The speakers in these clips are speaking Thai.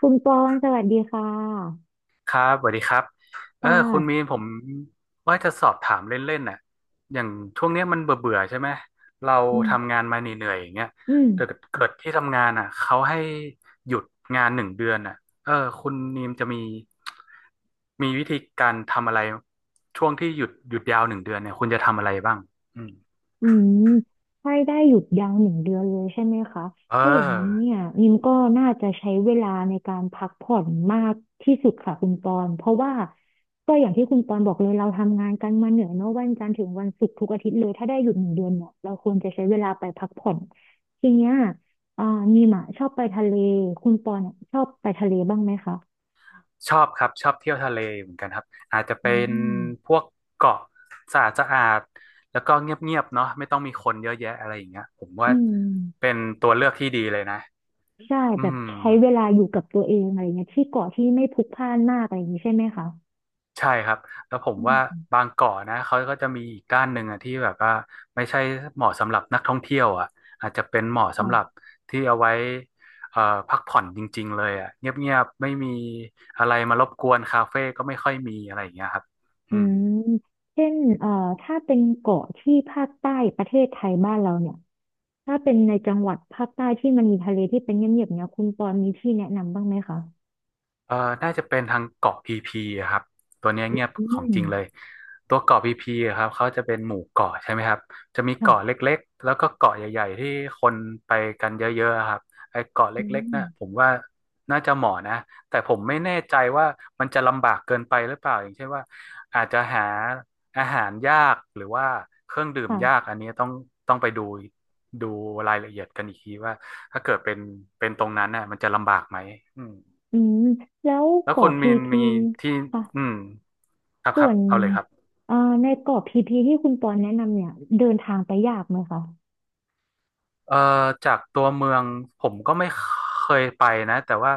คุณปอนสวัสดีค่ะครับสวัสดีครับค่คุณมีะนผมว่าจะสอบถามเล่นๆน่ะอย่างช่วงเนี้ยมันเบื่อๆใช่ไหมเราอืทำมงานมาเหนื่อยๆอย่างเงี้ยอืมแต่เกิดที่ทำงานอ่ะเขาให้หยุดงานหนึ่งเดือนอ่ะเออคุณนีมจะมีวิธีการทำอะไรช่วงที่หยุดยาวหนึ่งเดือนเนี่ยคุณจะทำอะไรบ้างอืมอืมให้ได้หยุดยาวหนึ่งเดือนเลยใช่ไหมคะเอถ้าอย่างนั้นอ เนี่ยนิมก็น่าจะใช้เวลาในการพักผ่อนมากที่สุดค่ะคุณปอนเพราะว่าก็อย่างที่คุณปอนบอกเลยเราทำงานกันมาเหนื่อยเนอะวันจันทร์ถึงวันศุกร์ทุกอาทิตย์เลยถ้าได้หยุดหนึ่งเดือนเนี่ยเราควรจะใช้เวลาไปพักผ่อนทีเนี้ยอ่านิมอะชอบไปทะเลคุณปอนเนี่ยชอบไปทะเลบ้างไหมคะชอบครับชอบเที่ยวทะเลเหมือนกันครับอาจจะอืเป็นพมวกเกาะสะอาดสะอาดแล้วก็เงียบๆเนาะไม่ต้องมีคนเยอะแยะอะไรอย่างเงี้ยผมว่าอืม เป็นตัวเลือกที่ดีเลยนะใช่อืแบบมใช้เวลาอยู่กับตัวเองอะไรเงี้ยที่เกาะที่ไม่พลุกพล่านมากอะไรอย่างนี้ใช่ไหมคะใช่ครับแล้วผมอืว่ามบางเกาะนะเขาก็จะมีอีกด้านหนึ่งอะที่แบบว่าไม่ใช่เหมาะสำหรับนักท่องเที่ยวอ่ะอาจจะเป็นเหมาะอ๋อสำหรับที่เอาไว้เอ่อพักผ่อนจริงๆเลยอ่ะเงียบๆไม่มีอะไรมารบกวนคาเฟ่ก็ไม่ค่อยมีอะไรอย่างเงี้ยครับอือืม มเช่นถ้าเป็นเกาะที่ภาคใต้ประเทศไทยบ้านเราเนี่ยถ้าเป็นในจังหวัดภาคใต้ที่มันมีทะเลที่เป็นเงียบๆเนี่ยคุณปอนมีที่แนะนำบ้างไหมคะเอ่อน่าจะเป็นทางเกาะพีพีอะครับ ตัวเนี้ยเงียบอืของมจริงเลย ตัวเกาะพีพีอะครับเขาจะเป็นหมู่เกาะใช่ไหมครับ จะมีเกาะค่ะเล็กๆ แล้วก็เกาะใหญ่ๆที่คนไปกันเยอะๆอะครับไอ้เกาะอืเล็กๆมน่ะผมว่าน่าจะเหมาะนะแต่ผมไม่แน่ใจว่ามันจะลำบากเกินไปหรือเปล่าอย่างเช่นว่าอาจจะหาอาหารยากหรือว่าเครื่องดื่มยากค่ะอันนี้ต้องไปดูรายละเอียดกันอีกทีว่าถ้าเกิดเป็นตรงนั้นน่ะมันจะลำบากไหมอืม อืมแล้วแล้วคุเกาะณพีมีนพีมีที่ค่ะอืมครับคส่รัวบนเอาเลยครับเอ่อในเกาะพีพีที่คุณปอนแนะนำเนี่ยเดินทางไปยากไหมคะ เอ่อจากตัวเมืองผมก็ไม่เคยไปนะแต่ว่า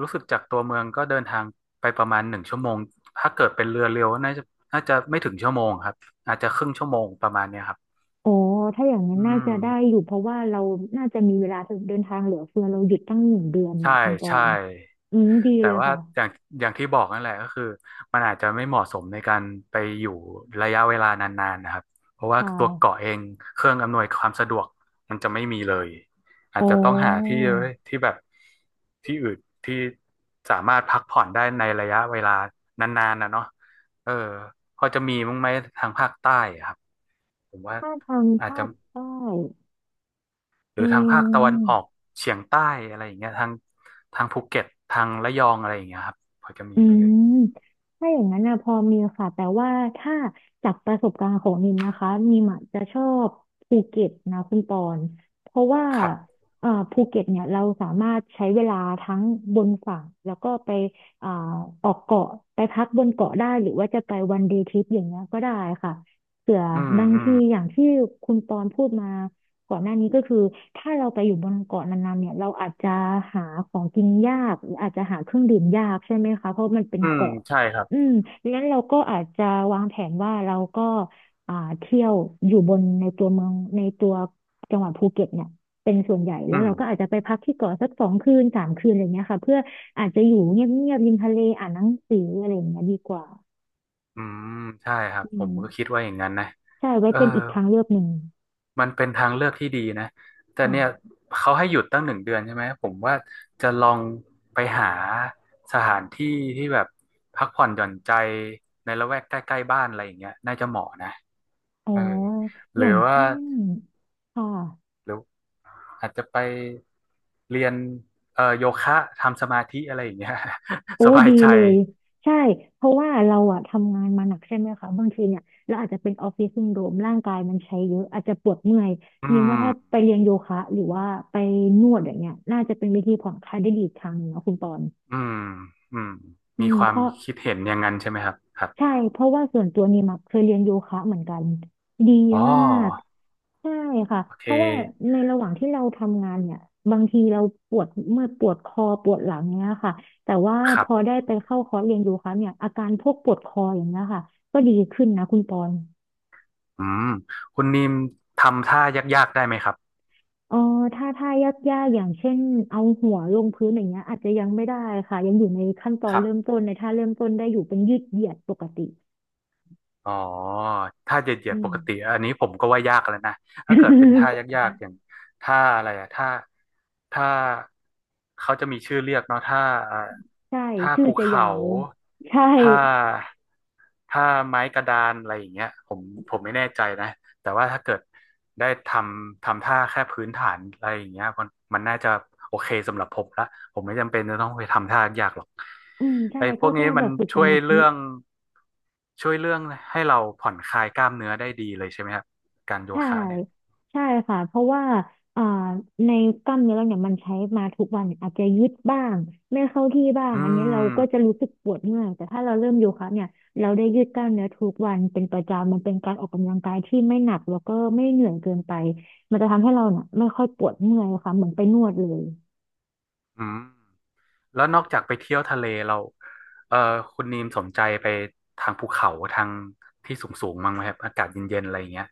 รู้สึกจากตัวเมืองก็เดินทางไปประมาณ1 ชั่วโมงถ้าเกิดเป็นเรือเร็วน่าจะไม่ถึงชั่วโมงครับอาจจะครึ่งชั่วโมงประมาณเนี้ยครับอ๋อ ถ้าอย่างนั้อืนน่าจะได้อมยู่เพราะว่าเราน่าจะมีเวลาเดินทางเหลือเฟือเราหยุดตั้งหนึ่งเดือนเนี่ใช่ยคุณปอใช่ นอืมดีแต่เลยว่าค่ะ อย่างอย่างที่บอกนั่นแหละก็คือมันอาจจะไม่เหมาะสมในการไปอยู่ระยะเวลานานๆนะครับเพราะว่าค่ตัวเกาะะเองเครื่องอำนวยความสะดวกมันจะไม่มีเลยอาอ๋จอจะต้องหาที่ที่แบบที่อื่นที่สามารถพักผ่อนได้ในระยะเวลานานๆนะเนาะเออพอจะมีมั้งไหมทางภาคใต้อะครับผมว่าถ้าทางอาจภาจะคใต้หรืเออทางภาคตะวันง ออกเฉียงใต้อะไรอย่างเงี้ยทางภูเก็ตทางระยองอะไรอย่างเงี้ยครับพอจะมีอืไหมเอ่มย ถ้าอย่างนั้นนะพอมีค่ะแต่ว่าถ้าจากประสบการณ์ของนิมนะคะนิมอะจะชอบภูเก็ตนะคุณปอนเพราะว่าครับภูเก็ตเนี่ยเราสามารถใช้เวลาทั้งบนฝั่งแล้วก็ไปอ่าออกเกาะไปพักบนเกาะได้หรือว่าจะไปวันเดย์ทริปอย่างเงี้ยก็ได้ค่ะเผื่ออืมบางอืทีมอย่างที่คุณปอนพูดมา ก่อนหน้านี้ก็คือถ้าเราไปอยู่บนเกาะนานๆเนี่ยเราอาจจะหาของกินยากหรืออาจจะหาเครื่องดื่มยากใช่ไหมคะเพราะมันเป็นอืมเกาะใช่ครับอืมดังนั้นเราก็อาจจะวางแผนว่าเราก็เที่ยวอยู่บนในตัวเมืองในตัวจังหวัดภูเก็ตเนี่ยเป็นส่วนใหญ่อืแล้วมเราก็อาจจะไปพักที่เกาะสัก2 คืน 3 คืนอะไรเงี้ยค่ะเพื่ออาจจะอยู่เงียบๆริมทะเลอ่านหนังสืออะไรอย่างเงี้ยดีกว่าอืม ใช่ครับ อืผมมก็คิดว่าอย่างนั้นนะใช่ไว้เออเป็นอีกทางเลือกหนึ่งมันเป็นทางเลือกที่ดีนะ แต่เนี่ยค่ะเขาให้หยุดตั้งหนึ่งเดือนใช่ไหม ผมว่าจะลองไปหาสถานที่ที่แบบพักผ่อนหย่อนใจในละแวกใกล้ๆบ้านอะไรอย่างเงี้ยน่าจะเหมาะนะอ๋อเออหอรือย่างว่าเช่นค่ะ หรืออาจจะไปเรียนโยคะทำสมาธิอะไรอย่างเงี้ย โอ้ สบายดีใจเลยใช่เพราะว่าเราอะทำงานมาหนักใช่ไหมคะบางทีเนี่ยเราอาจจะเป็นออฟฟิศซินโดรมร่างกายมันใช้เยอะอาจจะปวดเมื่อยอืยิ่งว่าถ้าไปม เรียนโยคะหรือว่าไปนวดอย่างเงี้ยน่าจะเป็นวิธีผ่อนคลายได้ดีอีกทางหนึ่งเนาะคุณปอนอืมอืมอืมีมควาเพมราะคิดเห็นอย่างนั้นใช่ไหมครับครับใช่เพราะว่าส่วนตัวนี่มาเคยเรียนโยคะเหมือนกันดีอ๋อมาก ใช่ค่ะโอเคเพราะว่าในระหว่างที่เราทำงานเนี่ยบางทีเราปวดเมื่อยปวดคอปวดหลังเนี้ยค่ะแต่ว่าคพรัอบได้ไปเข้าคอร์สเรียนโยคะเนี่ยอาการพวกปวดคออย่างเงี้ยค่ะก็ดีขึ้นนะคุณปอนอืมคุณนิมทำท่ายากๆได้ไหมครับเออถ้ายากอย่างเช่นเอาหัวลงพื้นอย่างเงี้ยอาจจะยังไม่ได้ค่ะยังอยู่ในขั้นตอคนรับเริ่มต้นในท่าเริ่มต้นได้อยู่เป็นยืดเหยียดปกติอ๋อท่าเหยียอืดๆปม กติอันนี้ผมก็ว่ายากแล้วนะถ้าเกิดเป็นท่ายาก ๆอย่างท่าอะไรอะท่าเขาจะมีชื่อเรียกเนาะท่าเอ่อใช่ท่าชื่อภูจะยาเขาวใช่ท่าท่าไม้กระดานอะไรอย่างเงี้ยผมไม่แน่ใจนะ แต่ว่าถ้าเกิดได้ทำท่าแค่พื้นฐานอะไรอย่างเงี้ยมันน่าจะโอเคสำหรับผมละผมไม่จำเป็นจะต้องไปทำท่ายากหรอกอืมใช่ไอ้พก็วกนี้แค่แบมันบฝึกสช่วยมาธิ เรื่องช่วยเรื่องให้เราผ่อนคลายกล้ามเนื้อได้ดีเลยใช่ไหมครับการโยใช่คะเนี่ยใช่ค่ะเพราะว่าอ่าในกล้ามเนื้อเราเนี่ยมันใช้มาทุกวันอาจจะยืดบ้างไม่เข้าที่บ้างอือันนี้เรามก็จะรู้สึกปวดเมื่อยแต่ถ้าเราเริ่มโยคะเนี่ยเราได้ยืดกล้ามเนื้อทุกวันเป็นประจำมันเป็นการออกกำลังกายที่ไม่หนักแล้วก็ไม่เหนื่อยเกินไปมันจะทำให้เราเนี่ยไม่ค่อยปวดเมื่อยค่ะเหมือนไปนวดเลยอืมแล้วนอกจากไปเที่ยวทะเลเราเออคุณนีมสนใจไปทางภูเขาทางที่สูงสูงมั้งไหมครับอากาศเย็นๆอะไรอย่างเงี้ย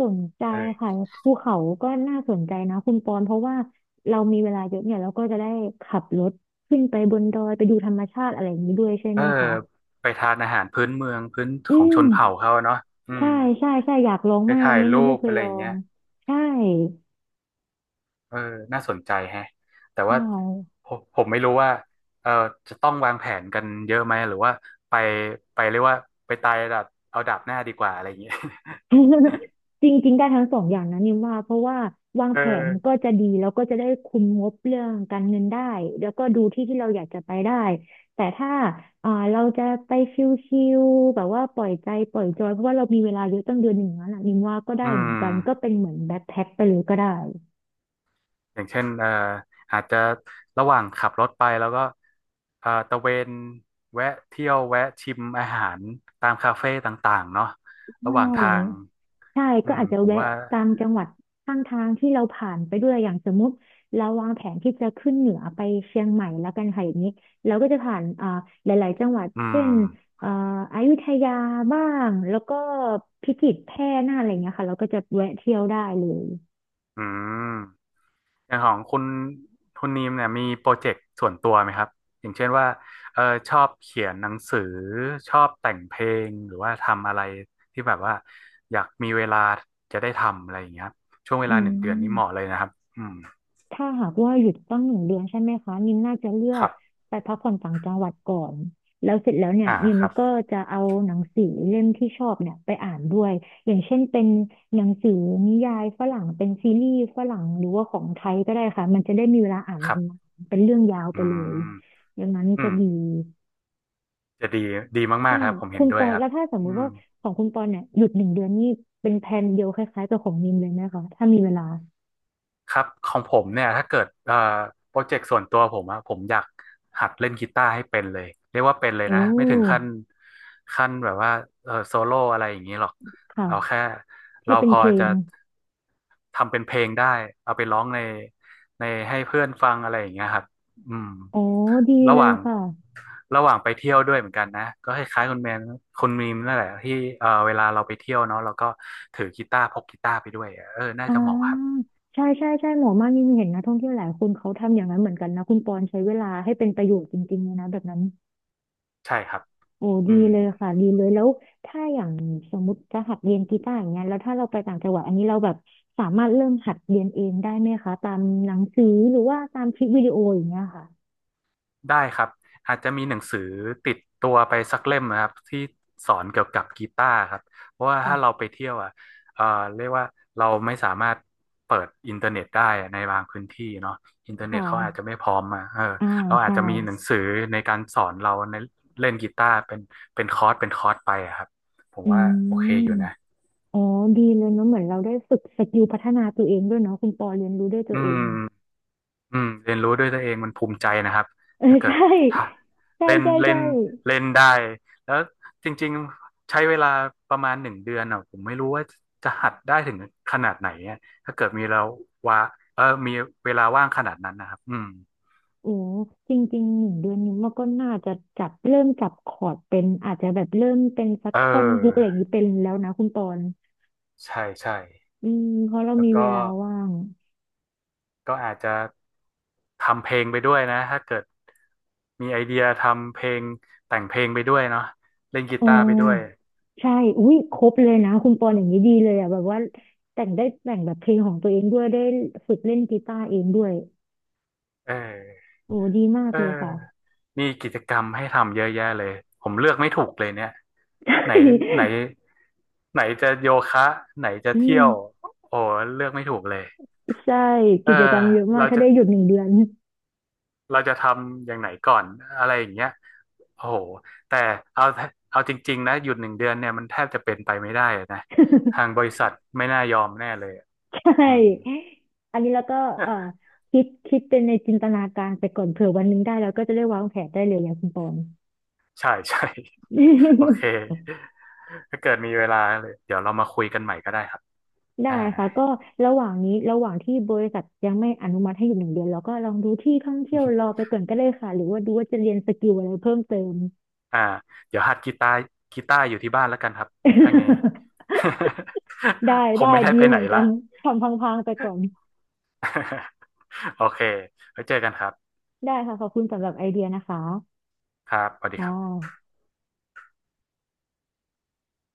สนใจเอค่ะอ ภูเขาก็น่าสนใจนะคุณปอนเพราะว่าเรามีเวลาเยอะเนี่ยเราก็จะได้ขับรถขึ้นไปบนดอยไปดูธรรมชาติอะไรอย่างนี้ด้วยใช่เอไหอมคะ ไปทานอาหารพื้นเมืองพื้นอืของชมนเผ่าเขาอะเนาะอืใช่มใช่ใช่อยากลองไปมากอัถ่านยนี้นี่รูไม่ปเคยอะไรลออย่างเงี้งยใช่เออน่าสนใจแฮะแต่ใช่ ว่าผมไม่รู้ว่าเออจะต้องวางแผนกันเยอะไหมหรือว่าไปไปเรียกว่าไปตายดับเอาดับหน้าดีกว่าอะไรอย่างเงี้ย จริงๆได้ทั้งสองอย่างนะนิมว่าเพราะว่าวาง เออแผนก็จะดีแล้วก็จะได้คุมงบเรื่องการเงินได้แล้วก็ดูที่ที่เราอยากจะไปได้แต่ถ้าเราจะไปชิลๆแบบว่าปล่อยใจปล่อยจอยเพราะว่าเรามีเวลาเยอะตั้งเดือนหนึ่งแล้วน่ะนิมว่าก็ได้อืเหมือมนกันก็เป็นเหมือนแบ็คแพ็คไปเลยก็ได้อย่างเช่นอาจจะระหว่างขับรถไปแล้วก็ตะเวนแวะเที่ยวแวะชิมอาหารตามคาเฟ่ต่างๆเนาะใช่ ระหว่างทาง ใช่อืก็มอาจจะผมแวะว่าตามจังหวัดข้างทางที่เราผ่านไปด้วยอย่างสมมุติเราวางแผนที่จะขึ้นเหนือไปเชียงใหม่แล้วกันค่ะอย่างนี้เราก็จะผ่านหลายๆจังหวัดอืเช่มนอ่าอยุธยาบ้างแล้วก็พิจิตรแพร่น่านอะไรเงี้ยค่ะเราก็จะแวะเที่ยวได้เลยอืมอย่างของคุณนีมเนี่ยมีโปรเจกต์ส่วนตัวไหมครับอย่างเช่นว่าเออชอบเขียนหนังสือชอบแต่งเพลงหรือว่าทำอะไรที่แบบว่าอยากมีเวลาจะได้ทำอะไรอย่างเงี้ยครับช่วงเวอืลาหนึ่งเดือนนี้เหมาะม เลยนะครับอืมถ้าหากว่าหยุดตั้งหนึ่งเดือนใช่ไหมคะนิมน่าจะเลือคกรับไปพักผ่อนต่างจังหวัดก่อนแล้วเสร็จแล้วเนี่ยอ่านิมครับก็จะเอาหนังสือเล่มที่ชอบเนี่ยไปอ่านด้วยอย่างเช่นเป็นหนังสือนิยายฝรั่งเป็นซีรีส์ฝรั่งหรือว่าของไทยก็ได้ค่ะมันจะได้มีเวลาอ่านคนรัาบนๆเป็นเรื่องยาวไปอืเลยมอย่างนั้นอืจะมดีจะดีดีมาใช่กๆครับผมเห็คุนณด้ปวยอนครัแล้บวถ้าสมมุอืติม ว่าของคุณปอนเนี่ยหยุดหนึ่งเดือนนี่เป็นแผนเดียวคล้ายๆกับของนิมเลยไหมคะถ้ามีเวลาครับของผมเนี่ยถ้าเกิดโปรเจกต์ส่วนตัวผมอะผมอยากหัดเล่นกีตาร์ให้เป็นเลยเรียกว่าเป็นเลยโอ้นะไม่ถึงขั้นแบบว่าเออโซโล่อะไรอย่างนี้หรอกค่ะเอาแค่ให้เราเป็นพอเพลจะง ทำเป็นเพลงได้เอาไปร้องในให้เพื่อนฟังอะไรอย่างเงี้ยครับอืมอ๋อดีระเลหยว่างค่ะระหว่างไปเที่ยวด้วยเหมือนกันนะก็คล้ายๆคุณแมนคุณมีมนั่นแหละที่เออเวลาเราไปเที่ยวเนาะเราก็ถือกีตาร์พกกีตาร์ไปด้วยอะเออน่าอ่จะเหมาะครับาใช่ใช่ใช่หมอมากนี่เห็นนะท่องเที่ยวหลายคนเขาทำอย่างนั้นเหมือนกันนะคุณปอนใช้เวลาให้เป็นประโยชน์จริงๆเลยนะแบบนั้นใช่ครับโอ้อืดีม เลยค่ะดีเลยแล้วถ้าอย่างสมมติจะหัดเรียนกีตาร์อย่างเงี้ยแล้วถ้าเราไปต่างจังหวัดอันนี้เราแบบสามารถเริ่มหัดเรียนเองได้ไหมคะตามหนังสือหรือว่าตามคลิปวิดีโออย่างเงี้ยค่ะได้ครับอาจจะมีหนังสือติดตัวไปสักเล่มนะครับที่สอนเกี่ยวกับกีตาร์ครับเพราะว่าค่ะถ้าเราไปเที่ยวอ่ะเอ่อเรียกว่าเราไม่สามารถเปิดอินเทอร์เน็ตได้ในบางพื้นที่เนาะอินเทอคร์เน็ตเขาอาจจะ่ะไม่พร้อมอ่ะเอออ่าเราอาจใช่จะมีหนังสือในการสอนเราในเล่นกีตาร์เป็นเป็นคอร์สไปอะครับผมอืว่าโอเคมอยู่นะอ๋อดีเลยเนาะเหมือนเราได้ฝึกสกิลพัฒนาตัวเองด้วยเนาะคุณปอเรียนรู้ด้วยตัอืวเอม ง อืมเรียนรู้ด้วยตัวเองมันภูมิใจนะครับ เอถ้าอเกิดใช่ถ้าใช่เล่นใช่เล่ใช่นเล่นได้แล้วจริงๆใช้เวลาประมาณหนึ่งเดือนอ่ะผมไม่รู้ว่าจะหัดได้ถึงขนาดไหนอะถ้าเกิดมีเราว่าเออมีเวลาว่างขนาดนั้นนะครับอืมโอ้จริงๆหนึ่งเดือนนี้มันก็น่าจะจับเริ่มจับคอร์ดเป็นอาจจะแบบเริ่มเป็นสักเท่อนฮุกอะไรอออย่างนี้เป็นแล้วนะคุณปอนใช่ใช่อืมเพราะเราแล้มีวเวก็ลาว่างก็อาจจะทำเพลงไปด้วยนะถ้าเกิดมีไอเดียทำเพลงแต่งเพลงไปด้วยเนาะเล่นกีอ๋อตาร์ไปด้วยใช่อุ้ยครบเลยนะคุณปอนอย่างนี้ดีเลยอ่ะแบบว่าแต่งได้แต่งแบบเพลงของตัวเองด้วยได้ฝึกเล่นกีตาร์เองด้วยเออโอ้ดีมากเออ เลยค่ะ มีกิจกรรมให้ทำเยอะแยะเลยผมเลือกไม่ถูกเลยเนี่ย ใชไหน่ไหนไหนจะโยคะไหนจะอืเที่มยวโอ้เลือกไม่ถูกเลยใช่เออกิจกรรมเยอะมากเราถ้าจะได้หยุดหนึ่งเดือน เราจะทำอย่างไหนก่อนอะไรอย่างเงี้ยโอ้โหแต่เอาเอาจริงๆนะหยุดหนึ่งเดือนเนี่ยมันแทบจะเป็นไปไม่ได้อะนะทางบริษัทไม่น่ายอมแน่เลยอะใชอืม ่อันนี้แล้วก็เอ่อ คิดเป็นในจินตนาการไปก่อนเผื่อวันหนึงได้แล้วก็จะได้วางแผนได้เลยอย่างคุณปอน ใช่ใช่โอเค ถ้าเกิดมีเวลาเลยเดี๋ยวเรามาคุยกันใหม่ก็ได้ครับได้อ่า ค่ะก็ระหว่างนี้ระหว่างที่บริษัทยังไม่อนุมัติให้อยู่หนึ่งเดือนเราก็ลองดูที่ท่องเที่ยวรอไปก่อนก็ได้ค่ะหรือว่าดูว่าจะเรียนสกิลอะไรเพิ่มเติม อ่าเดี๋ยวหัดกีตาร์อยู่ที่บ้านแล้วกันครับถ้างี้ ได้ คงได้ไม่ได้ดีไปเหไหนมือนกัละ นทำพังๆไปก่อน โอเคไว้เจอกันครับได้ค่ะขอบคุณสำหรับไอเดียนะคะครับสวัสดีอ่ครับา